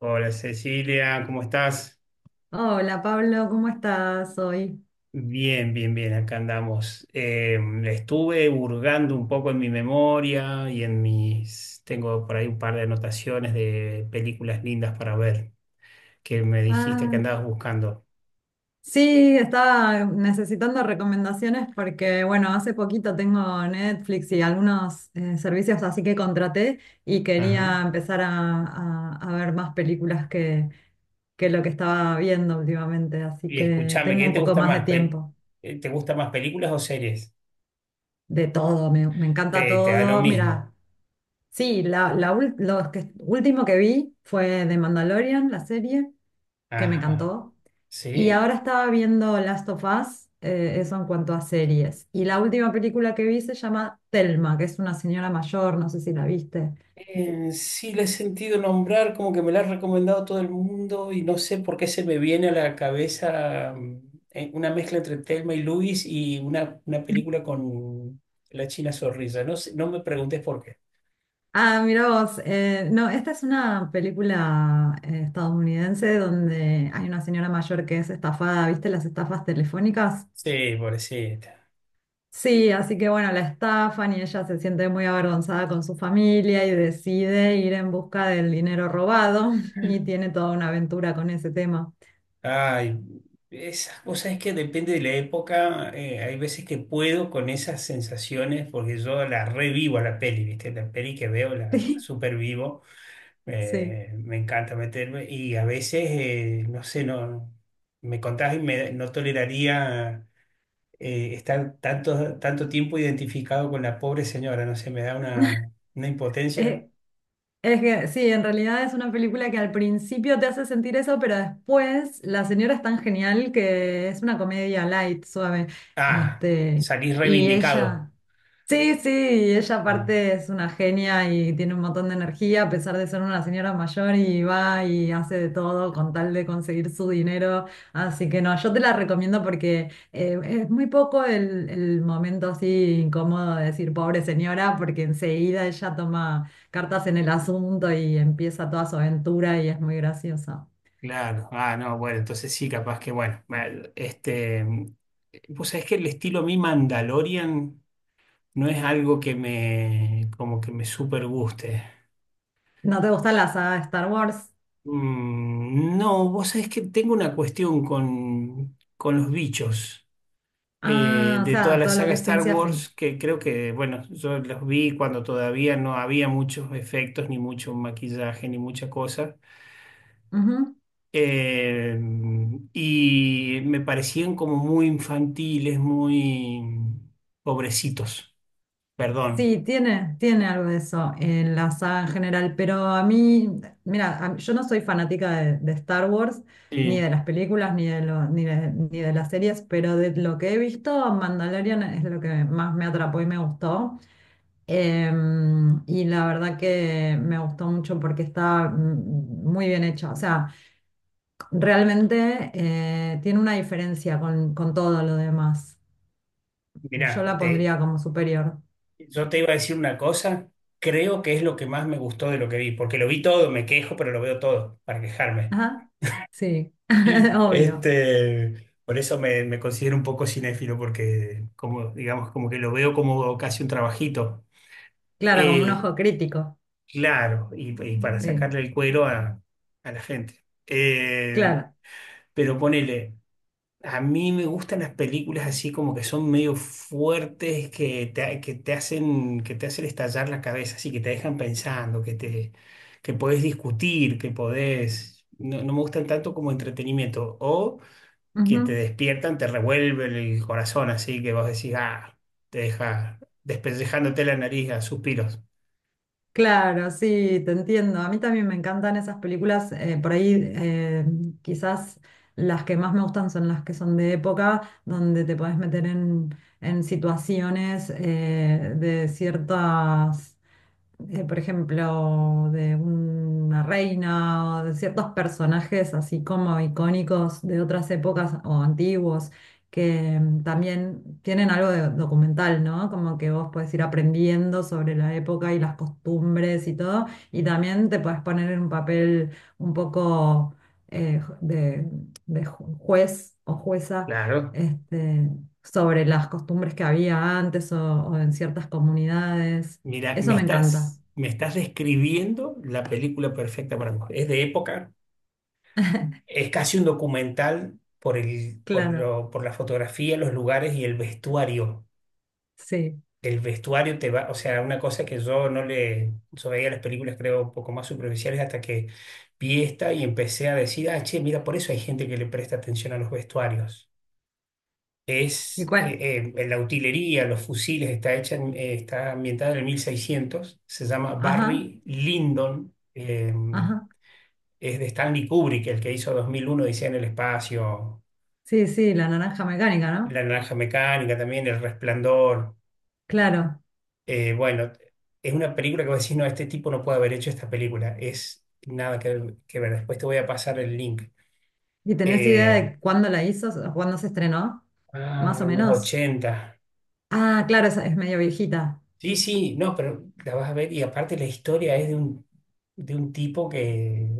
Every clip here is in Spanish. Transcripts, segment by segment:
Hola Cecilia, ¿cómo estás? Hola Pablo, ¿cómo estás hoy? Bien, bien, bien, acá andamos. Estuve hurgando un poco en mi memoria y en mis... Tengo por ahí un par de anotaciones de películas lindas para ver que me dijiste que Ah, andabas buscando. sí, estaba necesitando recomendaciones porque, bueno, hace poquito tengo Netflix y algunos servicios así que contraté y Ajá. quería empezar a ver más películas que lo que estaba viendo últimamente, así Y que escúchame, tengo ¿qué un te poco gusta más de más? Tiempo. ¿Te gusta más películas o series? De todo, me encanta Te da lo todo. Mira, mismo. sí, lo último que vi fue The Mandalorian, la serie, que me Ajá. encantó. Y ¿Sí? ahora estaba viendo Last of Us, eso en cuanto a series. Y la última película que vi se llama Thelma, que es una señora mayor, no sé si la viste. Sí, la he sentido nombrar, como que me la ha recomendado todo el mundo y no sé por qué se me viene a la cabeza una mezcla entre Thelma y Luis y una película con la China Zorrilla. No sé, no me preguntes por qué. Ah, mira vos, no, esta es una película estadounidense donde hay una señora mayor que es estafada. ¿Viste las estafas telefónicas? Sí, pobrecita. Sí, así que bueno, la estafan y ella se siente muy avergonzada con su familia y decide ir en busca del dinero robado y tiene toda una aventura con ese tema. Ay, esas cosas es que depende de la época. Hay veces que puedo con esas sensaciones porque yo la revivo a la peli, ¿viste? La peli que veo la Sí, supervivo. sí. Me encanta meterme y a veces, no sé, no, me contás y me, no toleraría estar tanto, tanto tiempo identificado con la pobre señora, no sé, me da una impotencia. Eh, Es que sí, en realidad es una película que al principio te hace sentir eso, pero después la señora es tan genial que es una comedia light, suave. Ah, Este, salís y reivindicado. ella, Sí, sí, y ella Ah, aparte es una genia y tiene un montón de energía, a pesar de ser una señora mayor, y va y hace de todo con tal de conseguir su dinero. Así que no, yo te la recomiendo porque es muy poco el momento así incómodo de decir pobre señora, porque enseguida ella toma cartas en el asunto y empieza toda su aventura y es muy graciosa. claro, ah, no, bueno, entonces sí, capaz que, bueno, pues es que el estilo mi Mandalorian no es algo que me, como que me super guste. ¿No te gusta la saga de Star Wars? Mm, no, vos sabés que tengo una cuestión con los bichos Ah, o de toda sea, la todo lo saga que es Star ciencia ficción. Wars, que creo que, bueno, yo los vi cuando todavía no había muchos efectos, ni mucho maquillaje, ni mucha cosa. Eh, y me parecían como muy infantiles, muy pobrecitos, perdón. Sí, tiene algo de eso en la saga en general, pero a mí, mira, a yo no soy fanática de Star Wars, ni de Sí. las películas, ni de las series, pero de lo que he visto, Mandalorian es lo que más me atrapó y me gustó. Y la verdad que me gustó mucho porque está muy bien hecha. O sea, realmente tiene una diferencia con todo lo demás. Yo Mirá, la te, pondría como superior. Yo te iba a decir una cosa, creo que es lo que más me gustó de lo que vi, porque lo vi todo, me quejo, pero lo veo todo para quejarme. Ajá, sí, obvio. Este, por eso me, me considero un poco cinéfilo, porque como, digamos, como que lo veo como casi un trabajito. Claro, como un Eh, ojo crítico, claro, y para sí, sacarle el cuero a la gente. Claro. Pero ponele. A mí me gustan las películas así como que son medio fuertes, que te hacen estallar la cabeza, así que te dejan pensando, que te, que podés discutir, que podés. No, no me gustan tanto como entretenimiento. O que te Ujú. despiertan, te revuelven el corazón, así que vos decís, ah, te deja despellejándote la nariz a suspiros. Claro, sí, te entiendo. A mí también me encantan esas películas, por ahí quizás las que más me gustan son las que son de época, donde te podés meter en situaciones de ciertas por ejemplo, de una reina o de ciertos personajes así como icónicos de otras épocas o antiguos, que también tienen algo de documental, ¿no? Como que vos podés ir aprendiendo sobre la época y las costumbres y todo, y también te podés poner en un papel un poco eh, de, de juez o jueza. Claro. Este, Sobre las costumbres que había antes o en ciertas comunidades. Mira, Eso me encanta. Me estás describiendo la película perfecta para mí. Es de época. Es casi un documental por el, Claro, por la fotografía, los lugares y el vestuario. sí. El vestuario te va, o sea, una cosa que yo no le, yo veía las películas creo un poco más superficiales hasta que vi esta y empecé a decir, ah, che, mira, por eso hay gente que le presta atención a los vestuarios. ¿Y Es cuál? La utilería, los fusiles, está hecha, está ambientada en el 1600, se llama Ajá, Barry Lyndon, ajá. es de Stanley Kubrick, el que hizo 2001 Odisea en el espacio, Sí, sí, La naranja mecánica, ¿no? La naranja mecánica también, El Resplandor. Claro. Bueno, es una película que vos decís, no, este tipo no puede haber hecho esta película. Es nada que ver. Después te voy a pasar el link. ¿Y tenés idea Eh, de cuándo la hizo, o cuándo se estrenó? ah, Más o en los menos. ochenta. Ah, claro, esa es medio viejita. Sí, sí, no, pero la vas a ver. Y aparte la historia es de un tipo que,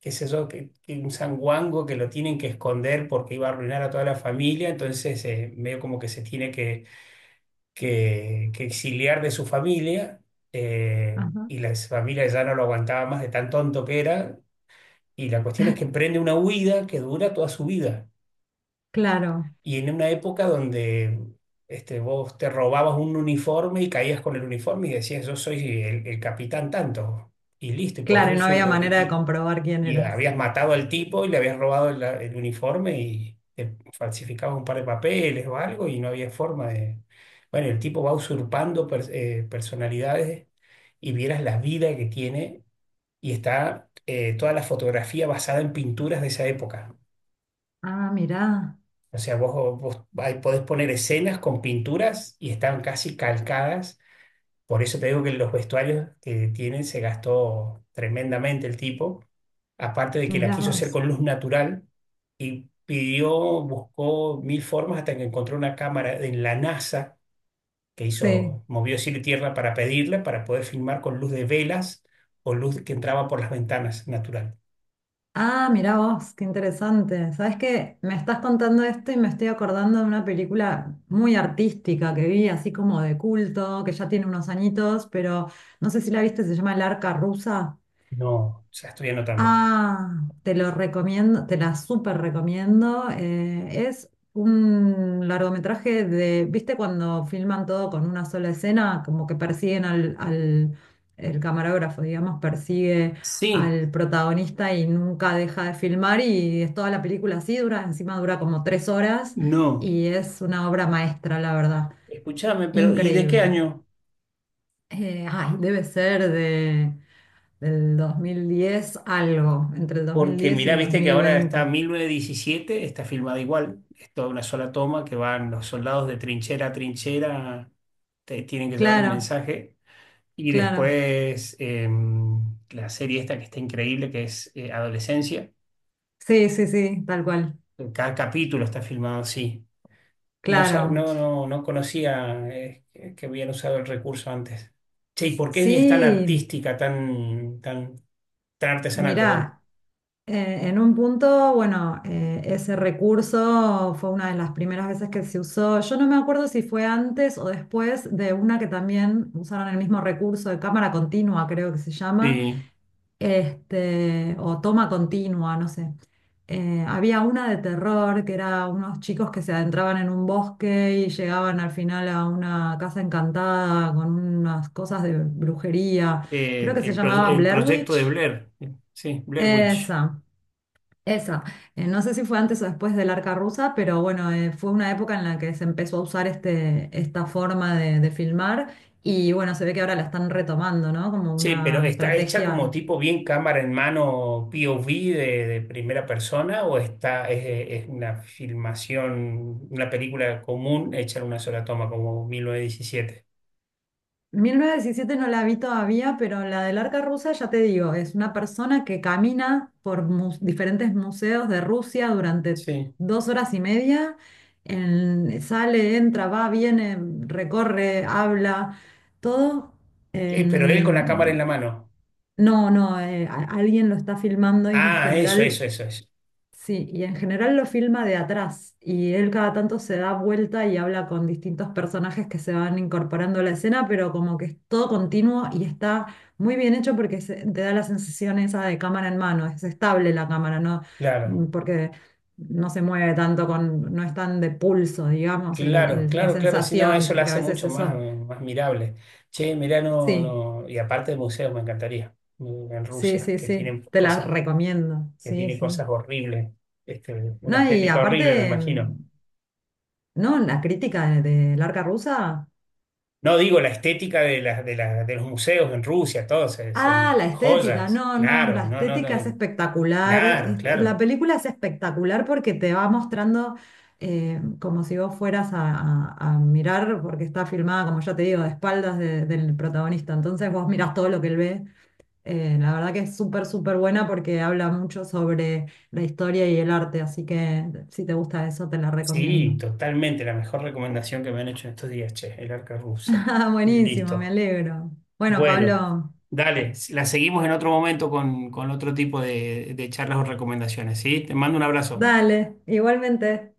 qué sé yo, que un sanguango que lo tienen que esconder porque iba a arruinar a toda la familia. Entonces, medio como que se tiene que que exiliar de su familia, Ajá. y la familia ya no lo aguantaba más de tan tonto que era. Y la cuestión es que emprende una huida que dura toda su vida. Claro, Y en una época donde este, vos te robabas un uniforme y caías con el uniforme y decías, yo soy el capitán tanto. Y listo, y podías claro, y no usar había manera de comprobar quién y eras. habías matado al tipo y le habías robado el uniforme y te falsificabas un par de papeles o algo y no había forma de... Bueno, el tipo va usurpando personalidades y vieras la vida que tiene y está toda la fotografía basada en pinturas de esa época. Ah, mirá, O sea, vos ahí podés poner escenas con pinturas y están casi calcadas. Por eso te digo que los vestuarios que tienen se gastó tremendamente el tipo. Aparte de que la mirá quiso hacer vos. con luz natural, y pidió, buscó mil formas hasta que encontró una cámara en la NASA que Sí. hizo, movió cielo y tierra para pedirla, para poder filmar con luz de velas o luz que entraba por las ventanas natural. Ah, mirá vos, qué interesante. Sabes que me estás contando esto y me estoy acordando de una película muy artística que vi, así como de culto, que ya tiene unos añitos, pero no sé si la viste, se llama El Arca Rusa. No, o sea, estoy anotando. Ah, te lo recomiendo, te la súper recomiendo. Es un largometraje ¿viste cuando filman todo con una sola escena? Como que persiguen el camarógrafo, digamos, persigue Sí, al protagonista y nunca deja de filmar, y es toda la película así, dura, encima dura como 3 horas, no. y es una obra maestra, la verdad. Escúchame, pero ¿y de qué Increíble. año? Ay, debe ser del 2010 algo, entre el dos mil Porque diez y mirá, el dos viste que mil ahora está veinte 1917, está filmada igual, es toda una sola toma que van los soldados de trinchera a trinchera, te tienen que llevar un Claro, mensaje. Y claro. después la serie esta que está increíble, que es Adolescencia. Sí, sí, sí, tal cual. Cada capítulo está filmado así. No, sa- Claro. no, no, no conocía, que habían usado el recurso antes. Che, ¿y por qué es tan Sí, artística, tan, tan, tan artesanal, perdón? mirá. En un punto, bueno, ese recurso fue una de las primeras veces que se usó. Yo no me acuerdo si fue antes o después de una que también usaron el mismo recurso de cámara continua, creo que se llama, Sí, o toma continua, no sé. Había una de terror que era unos chicos que se adentraban en un bosque y llegaban al final a una casa encantada con unas cosas de brujería. Creo que se llamaba el Blair proyecto de Witch. Blair. Sí, Blair Witch. Esa. Esa, no sé si fue antes o después del Arca Rusa, pero bueno, fue una época en la que se empezó a usar esta forma de filmar, y bueno, se ve que ahora la están retomando, ¿no? Como Sí, pero una ¿está hecha como estrategia. tipo bien cámara en mano POV de primera persona o está, es una filmación, una película común hecha en una sola toma, como 1917. 1917 no la vi todavía, pero la del Arca Rusa, ya te digo, es una persona que camina por diferentes museos de Rusia durante Sí. 2 horas y media. Sale, entra, va, viene, recorre, habla, todo Pero él con la cámara en la en mano. No, no, alguien lo está filmando y en Ah, eso, general, eso, eso, eso. sí, y en general lo filma de atrás, y él cada tanto se da vuelta y habla con distintos personajes que se van incorporando a la escena, pero como que es todo continuo y está muy bien hecho porque te da la sensación esa de cámara en mano. Es estable la cámara, ¿no? Claro, Porque no se mueve tanto no es tan de pulso, digamos, claro, la claro, claro. Si no, sensación, eso la porque a hace veces mucho más, eso, más mirable. Che, mirá, no, sí, no. Y aparte de museos, me encantaría. En sí, Rusia, sí, sí, te la recomiendo, que sí, tienen sí. cosas horribles. Este, una No, y estética horrible, me aparte, imagino. ¿No? La crítica de Arca Rusa. No digo la estética de, las de, de los museos en Rusia, todos Ah, son la estética. joyas, No, no, claro, la no, no, no, estética es espectacular. claro, La claro. película es espectacular porque te va mostrando como si vos fueras a mirar, porque está filmada, como ya te digo, de espaldas del protagonista. Entonces vos mirás todo lo que él ve. La verdad que es súper, súper buena porque habla mucho sobre la historia y el arte. Así que si te gusta eso, te la recomiendo. Sí, totalmente, la mejor recomendación que me han hecho en estos días, che, el arca rusa. Ah, buenísimo, me Listo. alegro. Bueno, Bueno, Pablo, dale, la seguimos en otro momento con otro tipo de charlas o recomendaciones, ¿sí? Te mando un abrazo. dale, igualmente.